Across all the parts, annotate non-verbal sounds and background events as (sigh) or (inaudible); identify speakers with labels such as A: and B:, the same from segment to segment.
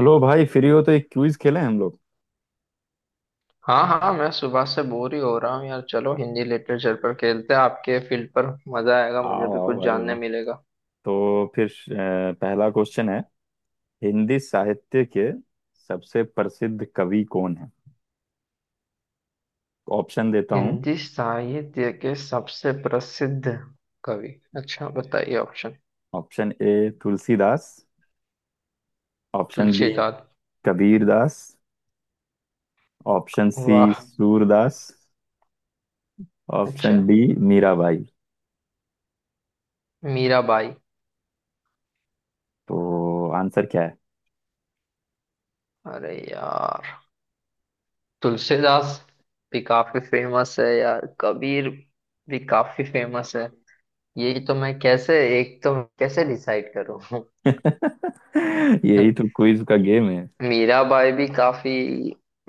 A: Hello भाई, free हो तो एक क्विज खेलें हम लोग।
B: हाँ हाँ, मैं सुबह से बोर ही हो रहा हूँ यार। चलो हिंदी लिटरेचर पर खेलते हैं, आपके फील्ड पर। मजा आएगा, मुझे
A: आओ
B: भी
A: आओ,
B: कुछ
A: अरे
B: जानने
A: वाह।
B: मिलेगा।
A: तो फिर पहला क्वेश्चन है। हिंदी साहित्य के सबसे प्रसिद्ध कवि कौन है? ऑप्शन देता हूँ।
B: हिंदी साहित्य के सबसे प्रसिद्ध कवि। अच्छा बताइए option.
A: Option A Tulsidas, option B
B: Tulsidas.
A: Kabirdas, option C
B: वाह।
A: सूरदास,
B: अच्छा।
A: Option D Mirabai.
B: मीराबाई।
A: तो आंसर क्या है?
B: अरे यार, तुलसीदास भी काफी फेमस है यार, कबीर भी काफी फेमस है। यही तो, मैं कैसे, एक तो कैसे डिसाइड करूँ।
A: (laughs) यही
B: (laughs)
A: तो क्विज का गेम है।
B: मीराबाई भी काफी,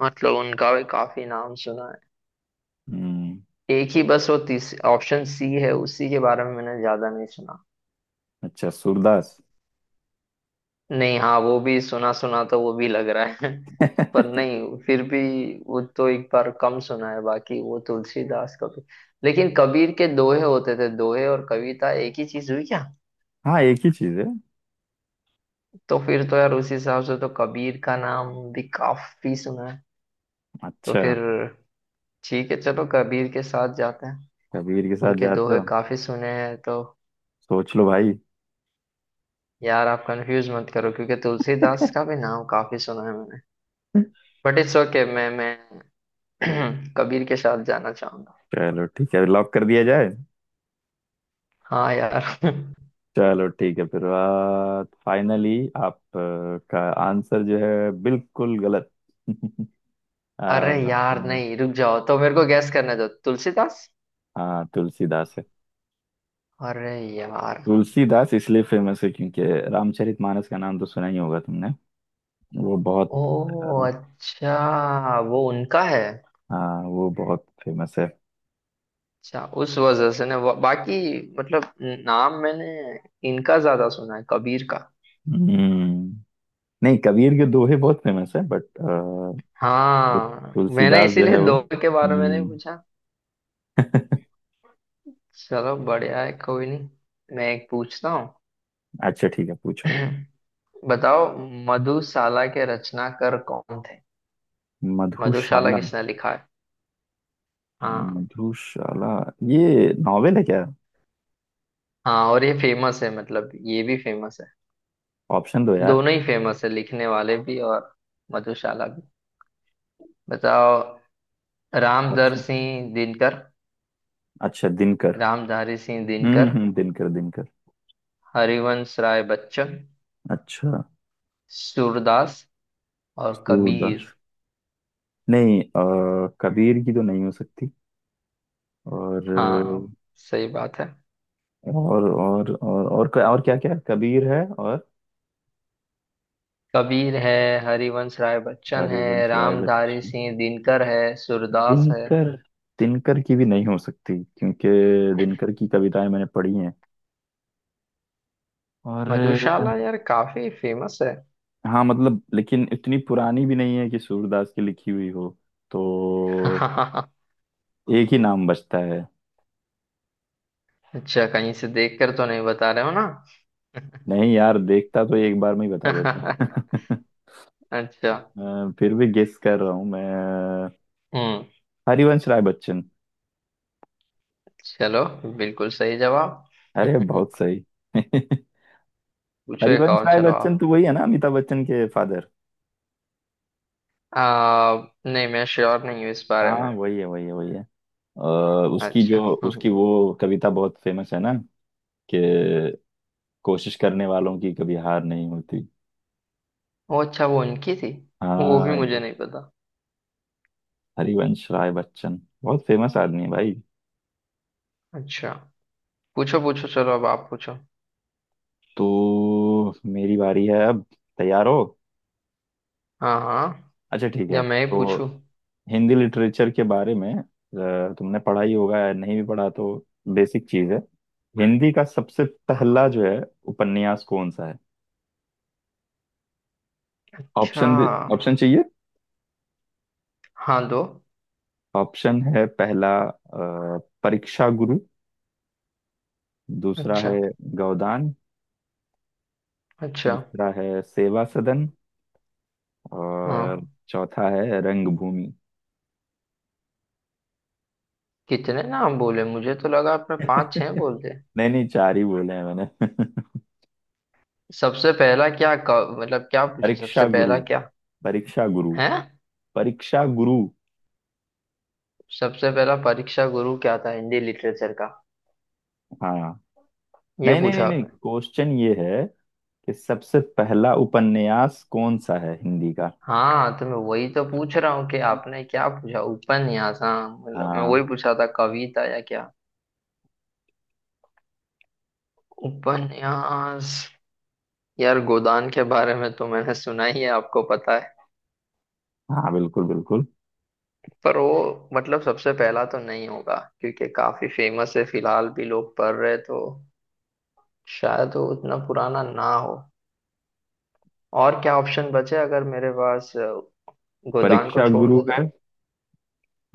B: मतलब उनका भी काफी नाम सुना है।
A: हम्म।
B: एक ही बस वो तीस ऑप्शन सी है, उसी के बारे में मैंने ज्यादा नहीं सुना।
A: अच्छा, सूरदास।
B: नहीं, हाँ वो भी सुना सुना तो वो भी लग रहा है। (laughs) पर
A: (laughs)
B: नहीं, फिर भी वो तो एक बार कम सुना है। बाकी वो तुलसीदास का भी। लेकिन कबीर के दोहे होते थे, दोहे और कविता एक ही चीज हुई क्या।
A: हाँ, एक ही चीज है।
B: तो फिर तो यार, उस हिसाब से तो कबीर का नाम भी काफी सुना है। तो
A: अच्छा,
B: फिर ठीक है, चलो कबीर के साथ जाते हैं।
A: कबीर के साथ
B: उनके
A: जाते
B: दोहे
A: हो?
B: काफी सुने हैं तो।
A: सोच लो भाई।
B: यार आप कंफ्यूज मत करो, क्योंकि तुलसीदास का भी नाम काफी सुना है मैंने। But it's okay. मैं (clears throat) कबीर के साथ जाना चाहूंगा।
A: चलो ठीक है, लॉक कर दिया जाए।
B: हाँ यार। (laughs)
A: चलो ठीक है फिर। फाइनली आप का आंसर जो है बिल्कुल गलत। (laughs) आ,
B: अरे यार नहीं, रुक जाओ, तो मेरे को गैस करने दो। तुलसीदास।
A: हाँ, तुलसीदास है।
B: अरे यार।
A: तुलसीदास इसलिए फेमस है क्योंकि रामचरितमानस का नाम तो सुना ही होगा तुमने। वो बहुत
B: ओ।
A: अ,
B: अच्छा, वो उनका है।
A: हाँ, वो बहुत फेमस है।
B: अच्छा, उस वजह से ना बाकी, मतलब नाम मैंने इनका ज्यादा सुना है, कबीर का।
A: हम्म। नहीं, कबीर के दोहे बहुत फेमस है बट
B: हाँ मैंने
A: तुलसीदास जो
B: इसीलिए
A: है वो
B: दो के बारे में
A: हम्म।
B: नहीं पूछा।
A: (laughs)
B: चलो बढ़िया है, कोई नहीं। मैं एक पूछता हूँ।
A: अच्छा ठीक है, पूछो।
B: (clears throat) बताओ, मधुशाला के रचनाकार कौन थे। मधुशाला
A: मधुशाला,
B: किसने लिखा है। हाँ।
A: मधुशाला, ये नॉवेल है क्या?
B: हाँ और ये फेमस है, मतलब ये भी फेमस है।
A: ऑप्शन दो यार।
B: दोनों ही फेमस है, लिखने वाले भी और मधुशाला भी। बताओ। रामधारी
A: ऑप्शन,
B: सिंह दिनकर।
A: अच्छा दिनकर।
B: रामधारी सिंह दिनकर।
A: दिनकर दिनकर।
B: हरिवंश राय बच्चन।
A: अच्छा
B: सूरदास और
A: सूरदास,
B: कबीर।
A: नहीं कबीर की तो नहीं हो सकती। और
B: हाँ सही बात है।
A: और क्या क्या, कबीर है और
B: कबीर है, हरिवंश राय बच्चन है,
A: हरिवंश राय
B: रामधारी
A: बच्चन,
B: सिंह दिनकर है, सूरदास है।
A: दिनकर। दिनकर की भी नहीं हो सकती क्योंकि दिनकर की कविताएं मैंने पढ़ी हैं। और
B: मधुशाला यार काफी फेमस है।
A: हाँ, मतलब लेकिन इतनी पुरानी भी नहीं है कि सूरदास की लिखी हुई हो। तो
B: (laughs)
A: एक ही नाम बचता है।
B: अच्छा, कहीं से देखकर तो नहीं बता रहे हो ना।
A: नहीं यार, देखता तो एक बार में ही बता
B: (laughs)
A: देता। (laughs)
B: अच्छा।
A: फिर भी गेस कर रहा हूँ मैं।
B: हम्म।
A: हरिवंश राय बच्चन।
B: चलो, बिल्कुल सही जवाब। (laughs)
A: अरे बहुत
B: पूछो।
A: सही। (laughs)
B: एक
A: हरिवंश
B: और,
A: राय
B: चलो आप।
A: बच्चन तो वही है ना, अमिताभ बच्चन के फादर?
B: आ, नहीं मैं श्योर नहीं हूँ इस बारे में।
A: हाँ, वही है वही है वही है। अ, उसकी जो
B: अच्छा।
A: उसकी
B: (laughs)
A: वो कविता बहुत फेमस है ना, कि कोशिश करने वालों की कभी हार नहीं होती।
B: वो अच्छा, वो उनकी थी। वो भी
A: हाँ।
B: मुझे नहीं पता।
A: हरिवंश राय बच्चन बहुत फेमस आदमी है भाई।
B: अच्छा। पूछो पूछो, चलो अब आप पूछो।
A: तो मेरी बारी है अब। तैयार हो?
B: हाँ हाँ।
A: अच्छा ठीक है,
B: या मैं ही
A: तो
B: पूछूं।
A: हिंदी लिटरेचर के बारे में तुमने पढ़ा ही होगा, या नहीं भी पढ़ा तो बेसिक चीज है। हिंदी का सबसे पहला जो है उपन्यास कौन सा है?
B: अच्छा।
A: ऑप्शन दे- ऑप्शन चाहिए?
B: हाँ दो।
A: ऑप्शन है, पहला परीक्षा गुरु, दूसरा
B: अच्छा।
A: है गोदान,
B: अच्छा।
A: तीसरा है सेवा सदन,
B: हाँ।
A: और चौथा है रंगभूमि।
B: कितने नाम बोले, मुझे तो लगा आपने पांच छह बोल
A: (laughs)
B: दिए।
A: नहीं नहीं, चार ही बोले हैं मैंने। (laughs)
B: सबसे पहला क्या मतलब क्या पूछा,
A: परीक्षा
B: सबसे
A: गुरु,
B: पहला क्या
A: परीक्षा गुरु,
B: है।
A: परीक्षा गुरु।
B: सबसे पहला परीक्षा गुरु क्या था हिंदी लिटरेचर का।
A: हाँ।
B: ये
A: नहीं नहीं नहीं
B: पूछा
A: नहीं,
B: आपने।
A: क्वेश्चन ये है कि सबसे पहला उपन्यास कौन सा है हिंदी का।
B: हाँ तो मैं वही तो पूछ रहा हूँ कि आपने क्या पूछा, उपन्यास, हाँ मतलब मैं
A: हाँ।
B: वही पूछा था, कविता या क्या। उपन्यास। यार गोदान के बारे में तो मैंने सुना ही है, आपको पता है।
A: हाँ बिल्कुल बिल्कुल।
B: पर वो मतलब सबसे पहला तो नहीं होगा, क्योंकि काफी फेमस है, फिलहाल भी लोग पढ़ रहे, तो शायद वो उतना पुराना ना हो। और क्या ऑप्शन बचे अगर मेरे पास, गोदान को
A: परीक्षा
B: छोड़
A: गुरु
B: दे तो।
A: है,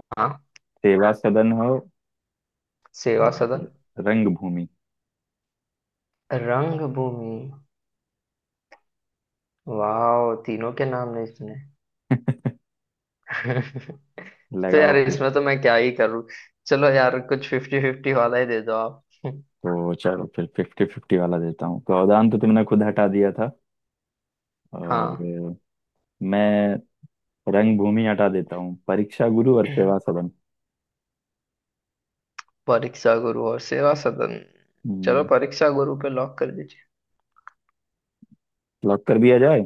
B: हाँ।
A: सेवा सदन हो,
B: सेवा
A: और
B: सदन।
A: रंगभूमि।
B: रंगभूमि। वाह, तीनों के नाम नहीं सुने।
A: (laughs)
B: (laughs) तो
A: लगाओ
B: यार
A: फिर।
B: इसमें तो मैं क्या ही करूँ। चलो यार, कुछ फिफ्टी फिफ्टी वाला ही दे दो आप।
A: तो चलो फिर फिफ्टी फिफ्टी वाला देता हूँ, गोदान तो तुमने खुद हटा दिया था,
B: हाँ।
A: और मैं रंगभूमि हटा देता हूँ। परीक्षा गुरु और सेवा सदन।
B: परीक्षा गुरु और सेवा सदन। चलो
A: हम्म।
B: परीक्षा गुरु पे लॉक कर दीजिए।
A: लॉक कर दिया जाए।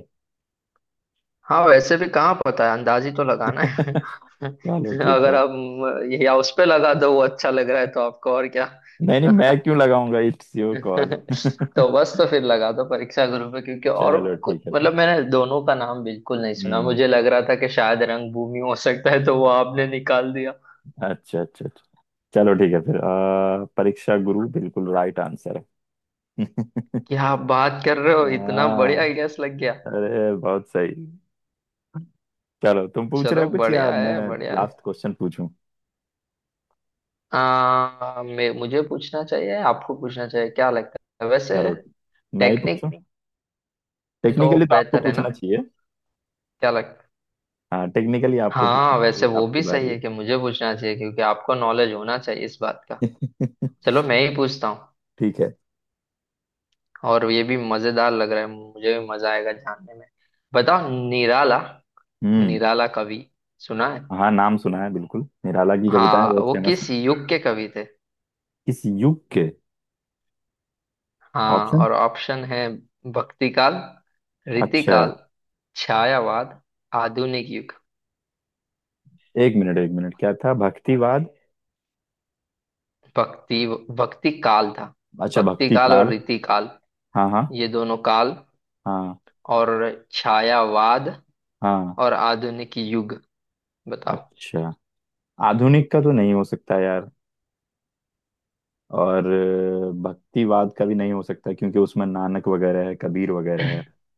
B: हाँ वैसे भी कहाँ पता है, अंदाज ही तो लगाना है।
A: (laughs)
B: (laughs)
A: चलो ठीक
B: अगर
A: है।
B: आप या उस पे लगा दो, वो अच्छा लग रहा है तो आपको और क्या।
A: नहीं नहीं, मैं क्यों लगाऊंगा, इट्स योर कॉल।
B: (laughs)
A: (laughs)
B: तो बस, तो फिर लगा दो परीक्षा गुरु पे, क्योंकि और
A: चलो
B: कुछ
A: ठीक है फिर।
B: मतलब मैंने दोनों का नाम बिल्कुल नहीं सुना।
A: हम्म।
B: मुझे लग रहा था कि शायद रंगभूमि हो सकता है, तो वो आपने निकाल दिया।
A: अच्छा अच्छा अच्छा। चलो ठीक है फिर परीक्षा गुरु बिल्कुल राइट आंसर है। (laughs)
B: क्या आप बात कर रहे हो, इतना बढ़िया
A: हाँ।
B: गैस लग गया।
A: अरे बहुत सही। चलो, तुम पूछ रहे
B: चलो
A: हो कुछ या
B: बढ़िया
A: मैं?
B: है, बढ़िया है।
A: लास्ट क्वेश्चन पूछूं?
B: मैं, मुझे पूछना चाहिए, आपको पूछना चाहिए, क्या लगता है वैसे।
A: चलो मैं ही
B: टेक्निक,
A: पूछूं।
B: तो
A: टेक्निकली तो आपको
B: बेहतर है
A: पूछना
B: ना।
A: चाहिए।
B: क्या लग,
A: हाँ, टेक्निकली आपको
B: हाँ
A: पूछना
B: वैसे
A: चाहिए,
B: वो
A: आपकी
B: भी
A: बारी
B: सही है कि मुझे पूछना चाहिए, क्योंकि आपको नॉलेज होना चाहिए इस बात का।
A: है। (laughs)
B: चलो मैं ही पूछता हूँ।
A: ठीक है।
B: और ये भी मजेदार लग रहा है, मुझे भी मजा आएगा जानने में। बताओ, निराला।
A: हम्म।
B: निराला कवि सुना है।
A: हाँ, नाम सुना है बिल्कुल, निराला की कविताएं बहुत
B: हाँ, वो
A: फेमस।
B: किस युग के कवि थे।
A: किस युग के?
B: हाँ,
A: ऑप्शन?
B: और ऑप्शन है भक्ति काल, रीति
A: अच्छा।
B: काल, छायावाद, आधुनिक युग।
A: एक मिनट एक मिनट, क्या था, भक्तिवाद?
B: भक्ति, भक्ति काल था।
A: अच्छा,
B: भक्ति
A: भक्ति
B: काल और
A: काल।
B: रीति काल,
A: हाँ हाँ
B: ये दोनों काल,
A: हाँ
B: और छायावाद,
A: हाँ।
B: और आधुनिक युग। बताओ।
A: अच्छा, आधुनिक का तो नहीं हो सकता यार, और भक्तिवाद का भी नहीं हो सकता क्योंकि उसमें नानक वगैरह है, कबीर वगैरह है।
B: (laughs) (clears throat)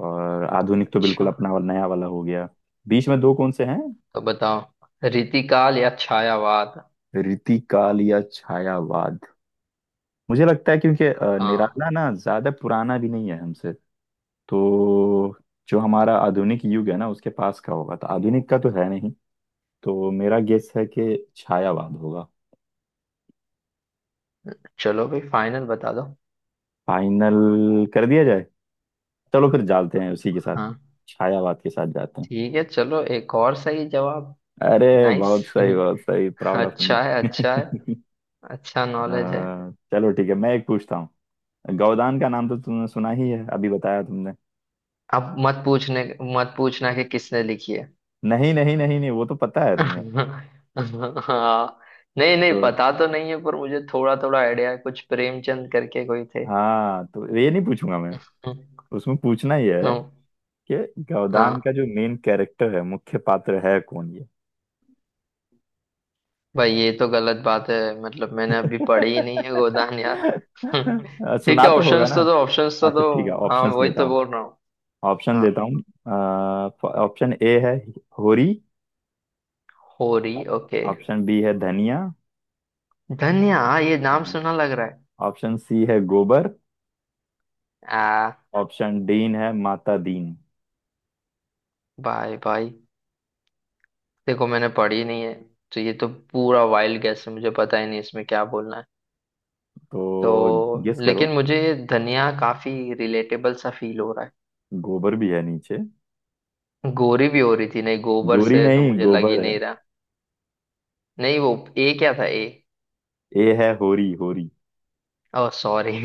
A: और आधुनिक तो बिल्कुल
B: अच्छा
A: अपना वाला नया वाला हो गया। बीच में दो कौन से हैं?
B: तो बताओ, रीतिकाल या छायावाद।
A: रीति काल या छायावाद? मुझे लगता है क्योंकि
B: हाँ,
A: निराला ना ज्यादा पुराना भी नहीं है हमसे, तो जो हमारा आधुनिक युग है ना, उसके पास का होगा, तो आधुनिक का तो है नहीं। तो मेरा गेस है कि छायावाद होगा।
B: चलो भाई फाइनल बता दो।
A: फाइनल कर दिया जाए। चलो फिर जाते हैं उसी के साथ,
B: हाँ
A: छायावाद के साथ जाते हैं।
B: ठीक है, चलो एक और सही जवाब।
A: अरे
B: नाइस।
A: बहुत सही बहुत सही,
B: (laughs)
A: प्राउड ऑफ मी।
B: अच्छा है, अच्छा है।
A: (laughs)
B: अच्छा नॉलेज है।
A: चलो ठीक है, मैं एक पूछता हूँ। गौदान का नाम तो तुमने सुना ही है, अभी बताया तुमने।
B: अब मत पूछने, मत पूछना कि किसने लिखी है।
A: नहीं नहीं नहीं नहीं, वो तो पता है तुम्हें।
B: (laughs) हाँ। नहीं नहीं,
A: तो
B: पता तो नहीं है, पर मुझे थोड़ा थोड़ा आइडिया है, कुछ प्रेमचंद करके कोई थे।
A: हाँ, तो ये नहीं पूछूंगा मैं।
B: (laughs)
A: उसमें पूछना ही है ये, गौदान का
B: हाँ
A: जो मेन कैरेक्टर है, मुख्य पात्र है कौन ये?
B: भाई, ये तो गलत बात है, मतलब मैंने अभी
A: (laughs)
B: पढ़ी ही नहीं है गोदान यार। (laughs) ठीक
A: सुना
B: है,
A: तो होगा
B: ऑप्शंस
A: ना।
B: तो दो, ऑप्शंस
A: (laughs)
B: तो
A: अच्छा
B: दो।
A: ठीक है,
B: हाँ
A: ऑप्शंस
B: वही
A: देता
B: तो
A: हूँ,
B: बोल रहा हूँ।
A: ऑप्शन
B: हाँ।
A: देता हूँ। ऑप्शन ए है Hori,
B: Hori, okay.
A: Option B है धनिया,
B: धन्या हाँ, ये नाम सुना लग रहा है।
A: ऑप्शन सी है गोबर,
B: आ।
A: ऑप्शन डीन है माता दीन।
B: भाई भाई, देखो मैंने पढ़ी नहीं है, तो ये तो पूरा वाइल्ड गैस है, मुझे पता ही नहीं इसमें क्या बोलना है।
A: तो
B: तो
A: गेस करो,
B: लेकिन मुझे ये धनिया काफी रिलेटेबल सा फील हो रहा
A: गोबर भी है नीचे।
B: है। गोरी भी हो रही थी, नहीं गोबर
A: गोरी
B: से तो
A: नहीं,
B: मुझे लग ही
A: गोबर है।
B: नहीं रहा। नहीं वो, ए क्या था, ए।
A: ए है Hori, Hori.
B: Oh sorry,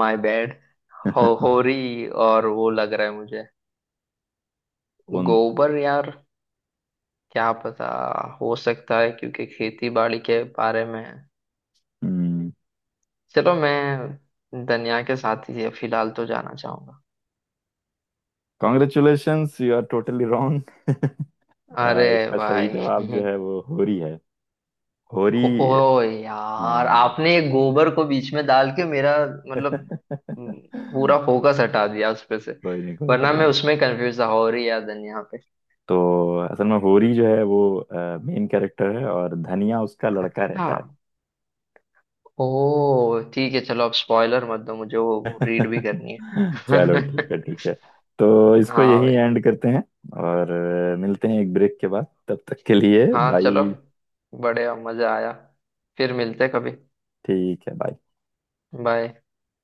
B: my bad. (laughs) हो
A: (laughs)
B: होरी और वो लग रहा है मुझे।
A: कौन?
B: गोबर यार, क्या पता, हो सकता है क्योंकि खेती बाड़ी के बारे में है।
A: हम्म
B: चलो मैं दुनिया के साथ ही फिलहाल तो जाना चाहूंगा।
A: कॉन्ग्रेचुलेशंस, यू आर टोटली
B: अरे
A: इसका सही
B: भाई।
A: जवाब जो है
B: (laughs)
A: वो होरी है। होरी।
B: हो, ओ यार,
A: हाँ।
B: आपने एक गोबर को बीच में डाल के मेरा मतलब, म,
A: कोई
B: पूरा फोकस हटा दिया उस पे से।
A: नहीं कोई नहीं
B: वरना
A: कोई
B: मैं
A: नहीं।
B: उसमें कंफ्यूज था, होरी या दुनिया पे।
A: तो असल में होरी जो है वो मेन कैरेक्टर है, और धनिया उसका लड़का रहता है।
B: हाँ। ओह ठीक है, चलो अब स्पॉइलर मत दो मुझे, वो रीड भी करनी
A: चलो
B: है।
A: ठीक है
B: (laughs)
A: ठीक है, तो इसको
B: हाँ
A: यही
B: भाई।
A: एंड करते हैं और मिलते हैं एक ब्रेक के बाद, तब तक के लिए
B: हाँ
A: बाय।
B: चलो, बढ़िया मजा आया, फिर मिलते हैं कभी।
A: ठीक है, बाय।
B: बाय।